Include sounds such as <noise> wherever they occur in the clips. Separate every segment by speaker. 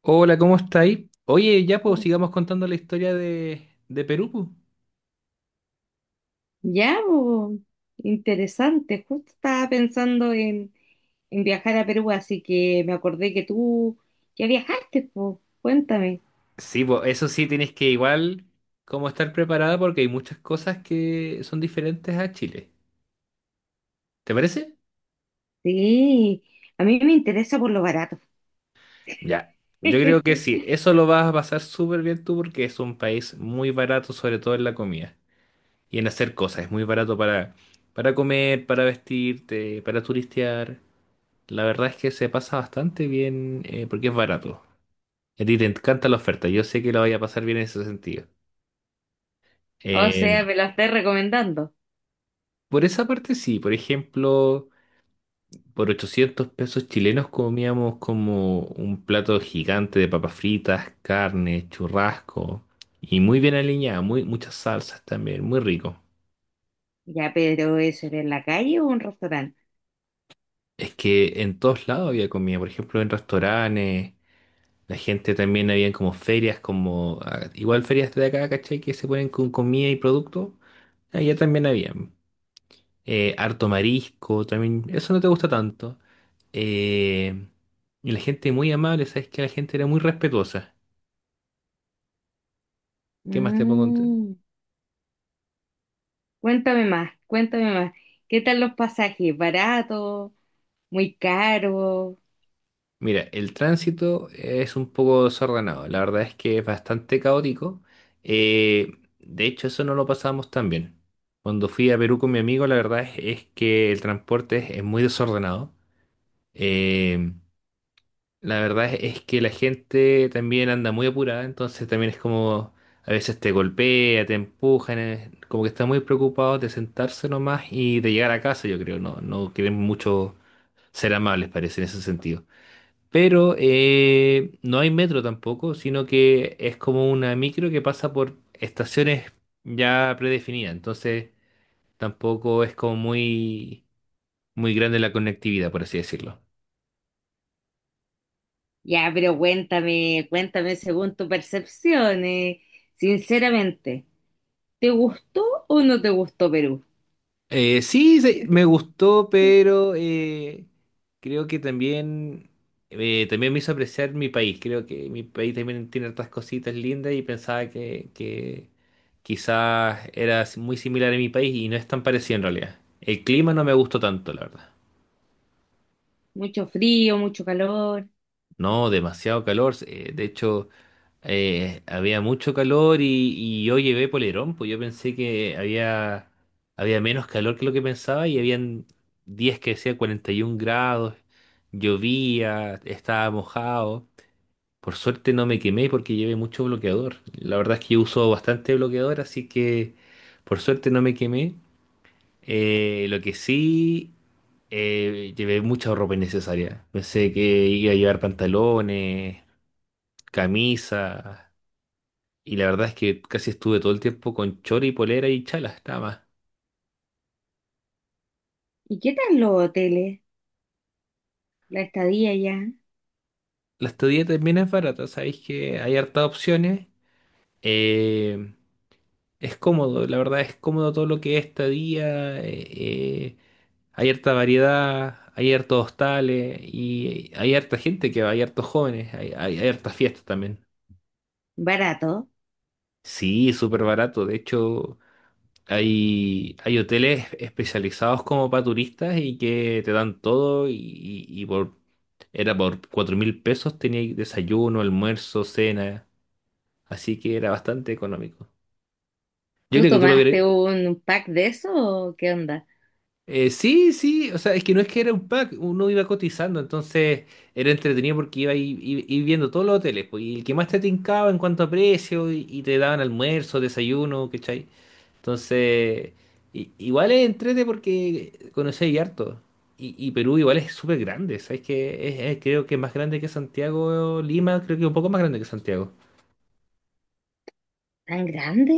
Speaker 1: Hola, ¿cómo estáis? Oye, ya pues sigamos contando la historia de Perú, pues.
Speaker 2: Ya, bo, interesante. Justo estaba pensando en viajar a Perú, así que me acordé que tú ya viajaste, pues. Cuéntame.
Speaker 1: Sí, pues eso sí tienes que igual como estar preparada porque hay muchas cosas que son diferentes a Chile. ¿Te parece?
Speaker 2: Sí, a mí me interesa por lo barato.
Speaker 1: Ya, yo creo que
Speaker 2: <laughs>
Speaker 1: sí, eso lo vas a pasar súper bien tú porque es un país muy barato, sobre todo en la comida y en hacer cosas. Es muy barato para comer, para vestirte, para turistear. La verdad es que se pasa bastante bien, porque es barato. A ti te encanta la oferta, yo sé que lo vaya a pasar bien en ese sentido.
Speaker 2: O
Speaker 1: Eh,
Speaker 2: sea, me lo estás recomendando.
Speaker 1: por esa parte sí, por ejemplo, por 800 pesos chilenos comíamos como un plato gigante de papas fritas, carne, churrasco y muy bien aliñada, muchas salsas también, muy rico.
Speaker 2: Ya, pero ¿eso era en la calle o un restaurante?
Speaker 1: Es que en todos lados había comida, por ejemplo, en restaurantes, la gente también había como ferias, como igual ferias de acá, ¿cachai? Que se ponen con comida y producto, allá también había harto marisco, también eso no te gusta tanto. Eh, y la gente muy amable, sabes que la gente era muy respetuosa. ¿Qué más te puedo contar?
Speaker 2: Mm, cuéntame más, cuéntame más. ¿Qué tal los pasajes? ¿Barato? ¿Muy caro?
Speaker 1: Mira, el tránsito es un poco desordenado, la verdad es que es bastante caótico. Eh, de hecho, eso no lo pasamos tan bien. Cuando fui a Perú con mi amigo, la verdad es, que el transporte es muy desordenado. Eh, La verdad es que la gente también anda muy apurada, entonces también es como a veces te golpea, te empujan, como que está muy preocupado de sentarse nomás y de llegar a casa, yo creo, no, no quieren mucho ser amables, parece, en ese sentido. Pero no hay metro tampoco, sino que es como una micro que pasa por estaciones ya predefinidas, entonces tampoco es como muy, muy grande la conectividad, por así decirlo.
Speaker 2: Ya, pero cuéntame, cuéntame según tu percepción, sinceramente, ¿te gustó o no te gustó Perú?
Speaker 1: Sí, sí, me gustó, pero creo que también, me hizo apreciar mi país. Creo que mi país también tiene hartas cositas lindas y pensaba que quizás era si, muy similar a mi país y no es tan parecido en realidad. El clima no me gustó tanto, la verdad.
Speaker 2: ¿Mucho frío, mucho calor?
Speaker 1: No, demasiado calor. Había mucho calor y yo llevé polerón, pues yo pensé que había menos calor que lo que pensaba y habían días que decía 41 grados, llovía, estaba mojado. Por suerte no me quemé porque llevé mucho bloqueador. La verdad es que yo uso bastante bloqueador, así que por suerte no me quemé. Lo que sí, llevé mucha ropa innecesaria. Pensé que iba a llevar pantalones, camisa. Y la verdad es que casi estuve todo el tiempo con chori, polera y chalas, nada más.
Speaker 2: ¿Y qué tal los hoteles? La estadía, ya,
Speaker 1: La estadía también es barata, sabéis que hay hartas opciones. Eh, es cómodo, la verdad es cómodo todo lo que es estadía. Hay harta variedad, hay hartos hostales y hay harta gente que va, hay hartos jóvenes, hay hartas fiestas también.
Speaker 2: barato.
Speaker 1: Sí, es súper barato. De hecho, hay hoteles especializados como para turistas y que te dan todo y por Era por 4.000 pesos, tenía desayuno, almuerzo, cena, así que era bastante económico. Yo
Speaker 2: ¿Tú
Speaker 1: creo que tú lo
Speaker 2: tomaste
Speaker 1: hubieras...
Speaker 2: un pack de eso o qué onda?
Speaker 1: Sí, sí, o sea, es que no es que era un pack, uno iba cotizando, entonces era entretenido porque iba a ir viendo todos los hoteles, pues, y el que más te tincaba en cuanto a precio, y te daban almuerzo, desayuno, ¿cachai? Entonces, igual es entrete porque conocí harto. Y Perú igual es súper grande, ¿sabes? Que creo que es más grande que Santiago, Lima, creo que un poco más grande que Santiago.
Speaker 2: ¿Tan grande?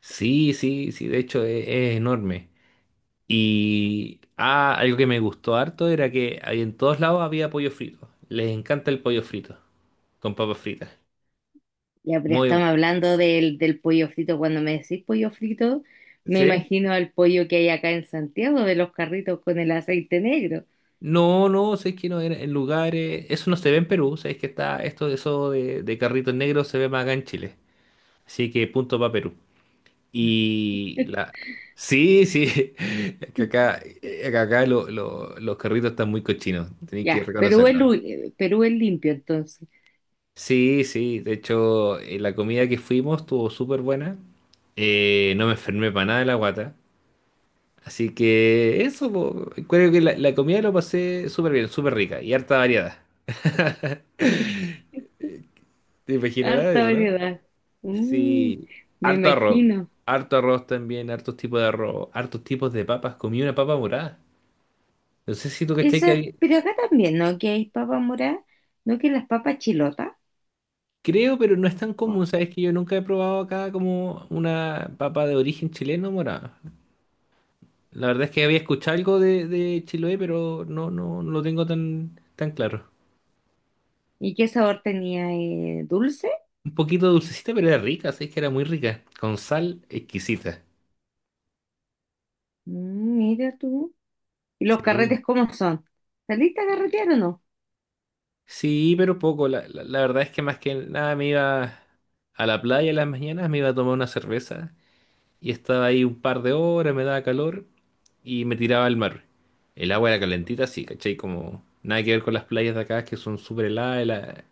Speaker 1: Sí, sí, sí, de hecho, es, enorme. Y algo que me gustó harto era que ahí en todos lados había pollo frito. Les encanta el pollo frito con papas fritas.
Speaker 2: Ya, pero
Speaker 1: Muy, bu-
Speaker 2: estamos hablando del pollo frito. Cuando me decís pollo frito, me
Speaker 1: ¿Sí?
Speaker 2: imagino al pollo que hay acá en Santiago, de los carritos con el aceite negro.
Speaker 1: No, no, sé que no era en lugares, eso no se ve en Perú, sabes que está esto eso de carritos negros se ve más acá en Chile. Así que punto para Perú. Y la Sí, sí, <laughs> que acá, eh, que acá los carritos están muy cochinos, tenéis que
Speaker 2: Ya, Perú es,
Speaker 1: reconocerlo.
Speaker 2: Perú es limpio entonces.
Speaker 1: Sí, sí, de hecho, la comida que fuimos estuvo súper buena. No me enfermé para nada de la guata. Así que eso, po, creo que la comida lo pasé súper bien, súper rica y harta variada. ¿Te imaginarás
Speaker 2: Harta
Speaker 1: eso, no?
Speaker 2: variedad. Mm,
Speaker 1: Sí,
Speaker 2: me
Speaker 1: harto arroz,
Speaker 2: imagino.
Speaker 1: harto arroz también, hartos tipos de arroz, hartos tipos de papas. Comí una papa morada. No sé si tú cachai
Speaker 2: Eso,
Speaker 1: que hay,
Speaker 2: pero acá también, ¿no? Que hay papa morada, ¿no? Que las papas chilotas.
Speaker 1: creo, pero no es tan
Speaker 2: Oh.
Speaker 1: común, sabes que yo nunca he probado acá como una papa de origen chileno morada. La verdad es que había escuchado algo de Chiloé, pero no, no, no lo tengo tan, tan claro.
Speaker 2: ¿Y qué sabor tenía? ¿Dulce?
Speaker 1: Un poquito dulcecita, pero era rica, sí, que era muy rica. Con sal exquisita.
Speaker 2: Mm, mira tú. ¿Y los
Speaker 1: Sí.
Speaker 2: carretes cómo son? ¿Saliste a carretear o no?
Speaker 1: Sí, pero poco. La verdad es que más que nada me iba a la playa en las mañanas, me iba a tomar una cerveza y estaba ahí un par de horas, me daba calor y me tiraba al mar. El agua era calentita, sí, ¿cachai? Como nada que ver con las playas de acá que son súper heladas. la-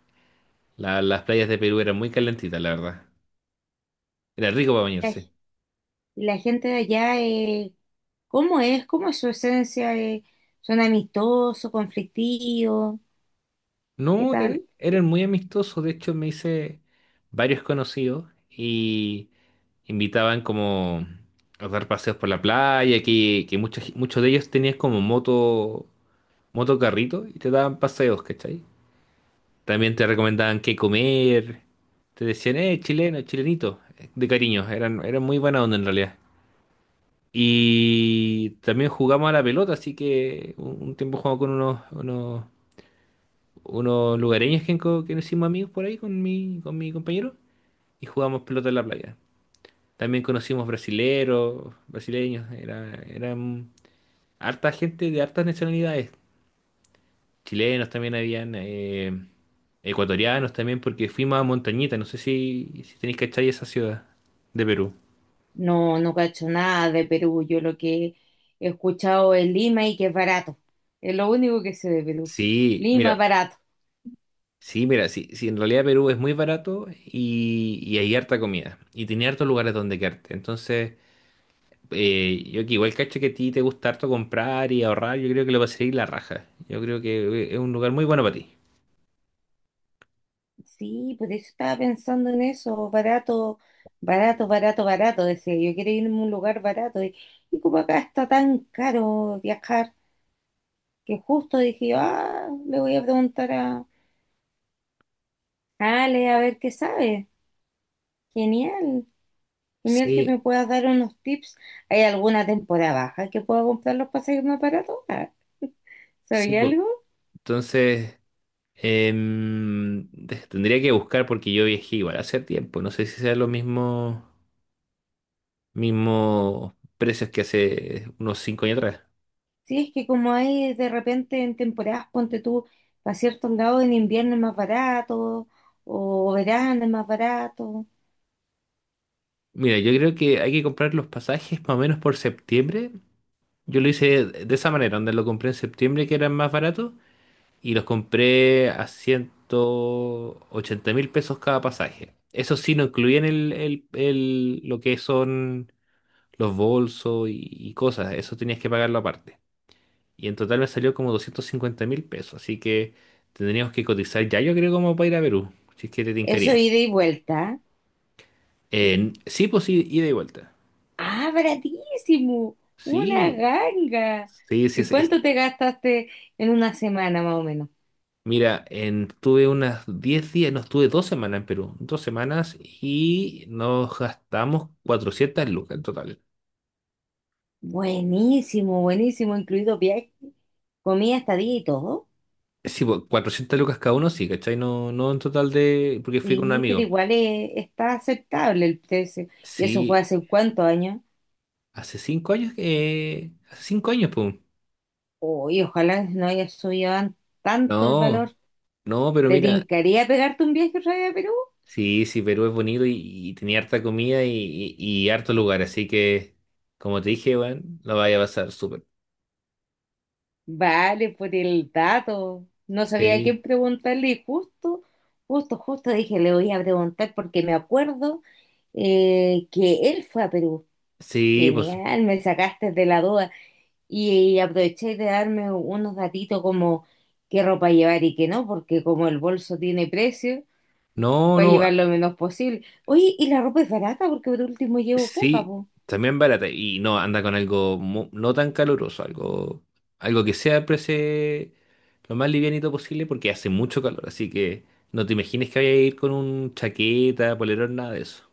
Speaker 1: la- Las playas de Perú eran muy calentitas, la verdad. Era rico para
Speaker 2: Ay,
Speaker 1: bañarse.
Speaker 2: ¿y la gente de allá, cómo es? ¿Cómo es su esencia, ¿Son amistosos, conflictivos? ¿Qué
Speaker 1: No, eran,
Speaker 2: tal?
Speaker 1: eran muy amistosos, de hecho me hice varios conocidos y invitaban como a dar paseos por la playa, que muchos, muchos de ellos tenían como motocarrito y te daban paseos, ¿cachai? También te recomendaban qué comer, te decían, chileno, chilenito, de cariño, eran muy buena onda en realidad. Y también jugamos a la pelota, así que un tiempo jugamos con unos lugareños que nos hicimos amigos por ahí con mi compañero y jugamos pelota en la playa. También conocimos brasileros, brasileños, eran harta gente de hartas nacionalidades. Chilenos también habían, ecuatorianos también, porque fuimos a Montañita, no sé si tenéis cachai esa ciudad de Perú.
Speaker 2: No, no cacho nada de Perú. Yo lo que he escuchado es Lima y que es barato. Es lo único que sé de Perú.
Speaker 1: Sí,
Speaker 2: Lima,
Speaker 1: mira,
Speaker 2: barato.
Speaker 1: sí, mira, sí, sí, en realidad Perú es muy barato y hay harta comida y tiene hartos lugares donde quedarte. Entonces, yo que igual cacho que a ti te gusta harto comprar y ahorrar, yo creo que lo vas a ir la raja. Yo creo que es un lugar muy bueno para ti.
Speaker 2: Sí, por eso estaba pensando en eso. Barato, barato, barato, barato. Decía, yo quiero irme a un lugar barato. Y como acá está tan caro viajar, que justo dije, yo, ah, le voy a preguntar a Ale a ver qué sabe. Genial. Genial que
Speaker 1: Sí,
Speaker 2: me puedas dar unos tips. ¿Hay alguna temporada baja que pueda comprar los pasajes más baratos? Ah,
Speaker 1: sí,
Speaker 2: ¿sabía
Speaker 1: po.
Speaker 2: algo?
Speaker 1: Entonces, tendría que buscar porque yo viajé igual hace tiempo. No sé si sean los mismos precios que hace unos 5 años atrás.
Speaker 2: Sí, es que como hay de repente en temporadas, ponte tú, a ciertos lados en invierno es más barato, o verano es más barato.
Speaker 1: Mira, yo creo que hay que comprar los pasajes más o menos por septiembre. Yo lo hice de esa manera, donde lo compré en septiembre que eran más baratos y los compré a 180.000 pesos cada pasaje. Eso sí, no incluían lo que son los bolsos y cosas, eso tenías que pagarlo aparte. Y en total me salió como 250.000 pesos, así que tendríamos que cotizar ya, yo creo, como para ir a Perú, si es que te
Speaker 2: ¿Eso
Speaker 1: tincaría.
Speaker 2: ida y vuelta? ¿Eh?
Speaker 1: Sí, pues sí, ida y vuelta.
Speaker 2: ¡Ah, baratísimo!
Speaker 1: Sí,
Speaker 2: ¡Una ganga!
Speaker 1: sí, sí,
Speaker 2: ¿Y cuánto te gastaste en una semana más o menos?
Speaker 1: mira, estuve unas 10 días, no, estuve 2 semanas en Perú, 2 semanas y nos gastamos 400 lucas en total.
Speaker 2: Buenísimo, buenísimo, incluido viaje, comida, estadía y todo.
Speaker 1: Sí, pues, 400 lucas cada uno, sí, ¿cachai? No, no en total de, porque fui con un
Speaker 2: Sí, pero
Speaker 1: amigo.
Speaker 2: igual está aceptable el precio. ¿Y eso fue
Speaker 1: Sí,
Speaker 2: hace cuántos años?
Speaker 1: hace cinco años, pum.
Speaker 2: Uy, ojalá no haya subido tanto el
Speaker 1: No,
Speaker 2: valor.
Speaker 1: no, pero
Speaker 2: ¿Te
Speaker 1: mira,
Speaker 2: tincaría pegarte un viaje otra vez a Perú?
Speaker 1: sí, sí, Perú es bonito y tenía harta comida y harto lugar, así que, como te dije, bueno, lo vaya a pasar súper.
Speaker 2: Vale, por el dato. No sabía a
Speaker 1: Sí,
Speaker 2: quién preguntarle y justo dije, le voy a preguntar porque me acuerdo, que él fue a Perú.
Speaker 1: sí, pues.
Speaker 2: Genial, me sacaste de la duda y aproveché de darme unos datitos como qué ropa llevar y qué no, porque como el bolso tiene precio,
Speaker 1: No,
Speaker 2: para
Speaker 1: no,
Speaker 2: llevar lo menos posible. Oye, y la ropa es barata porque por último llevo poca,
Speaker 1: sí,
Speaker 2: po.
Speaker 1: también barata. Y no, anda con algo no tan caluroso, algo que sea prese lo más livianito posible porque hace mucho calor. Así que no te imagines que vaya a ir con un chaqueta, polerón, nada de eso.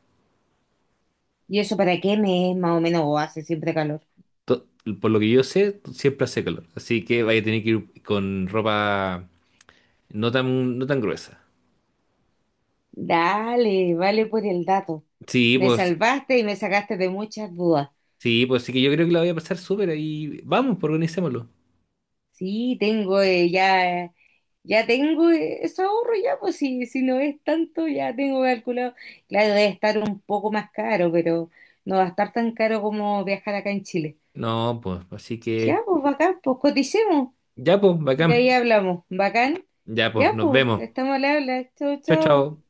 Speaker 2: ¿Y eso para qué me es más o menos o hace siempre calor?
Speaker 1: To- por lo que yo sé, siempre hace calor. Así que vaya a tener que ir con ropa no tan, no tan gruesa.
Speaker 2: Dale, vale por el dato.
Speaker 1: Sí,
Speaker 2: Me
Speaker 1: pues,
Speaker 2: salvaste y me sacaste de muchas dudas.
Speaker 1: sí, pues sí que yo creo que la voy a pasar súper ahí. Vamos, pues organicémoslo.
Speaker 2: Sí, tengo ya tengo, eso ahorro ya, pues si, si no es tanto, ya tengo calculado. Claro, debe estar un poco más caro, pero no va a estar tan caro como viajar acá en Chile.
Speaker 1: No, pues, así
Speaker 2: Ya,
Speaker 1: que
Speaker 2: pues bacán, pues coticemos.
Speaker 1: ya, pues,
Speaker 2: Y ahí
Speaker 1: bacán.
Speaker 2: hablamos. Bacán.
Speaker 1: Ya, pues,
Speaker 2: Ya,
Speaker 1: nos
Speaker 2: pues,
Speaker 1: vemos.
Speaker 2: estamos al habla. Chau,
Speaker 1: Chao,
Speaker 2: chau.
Speaker 1: chao.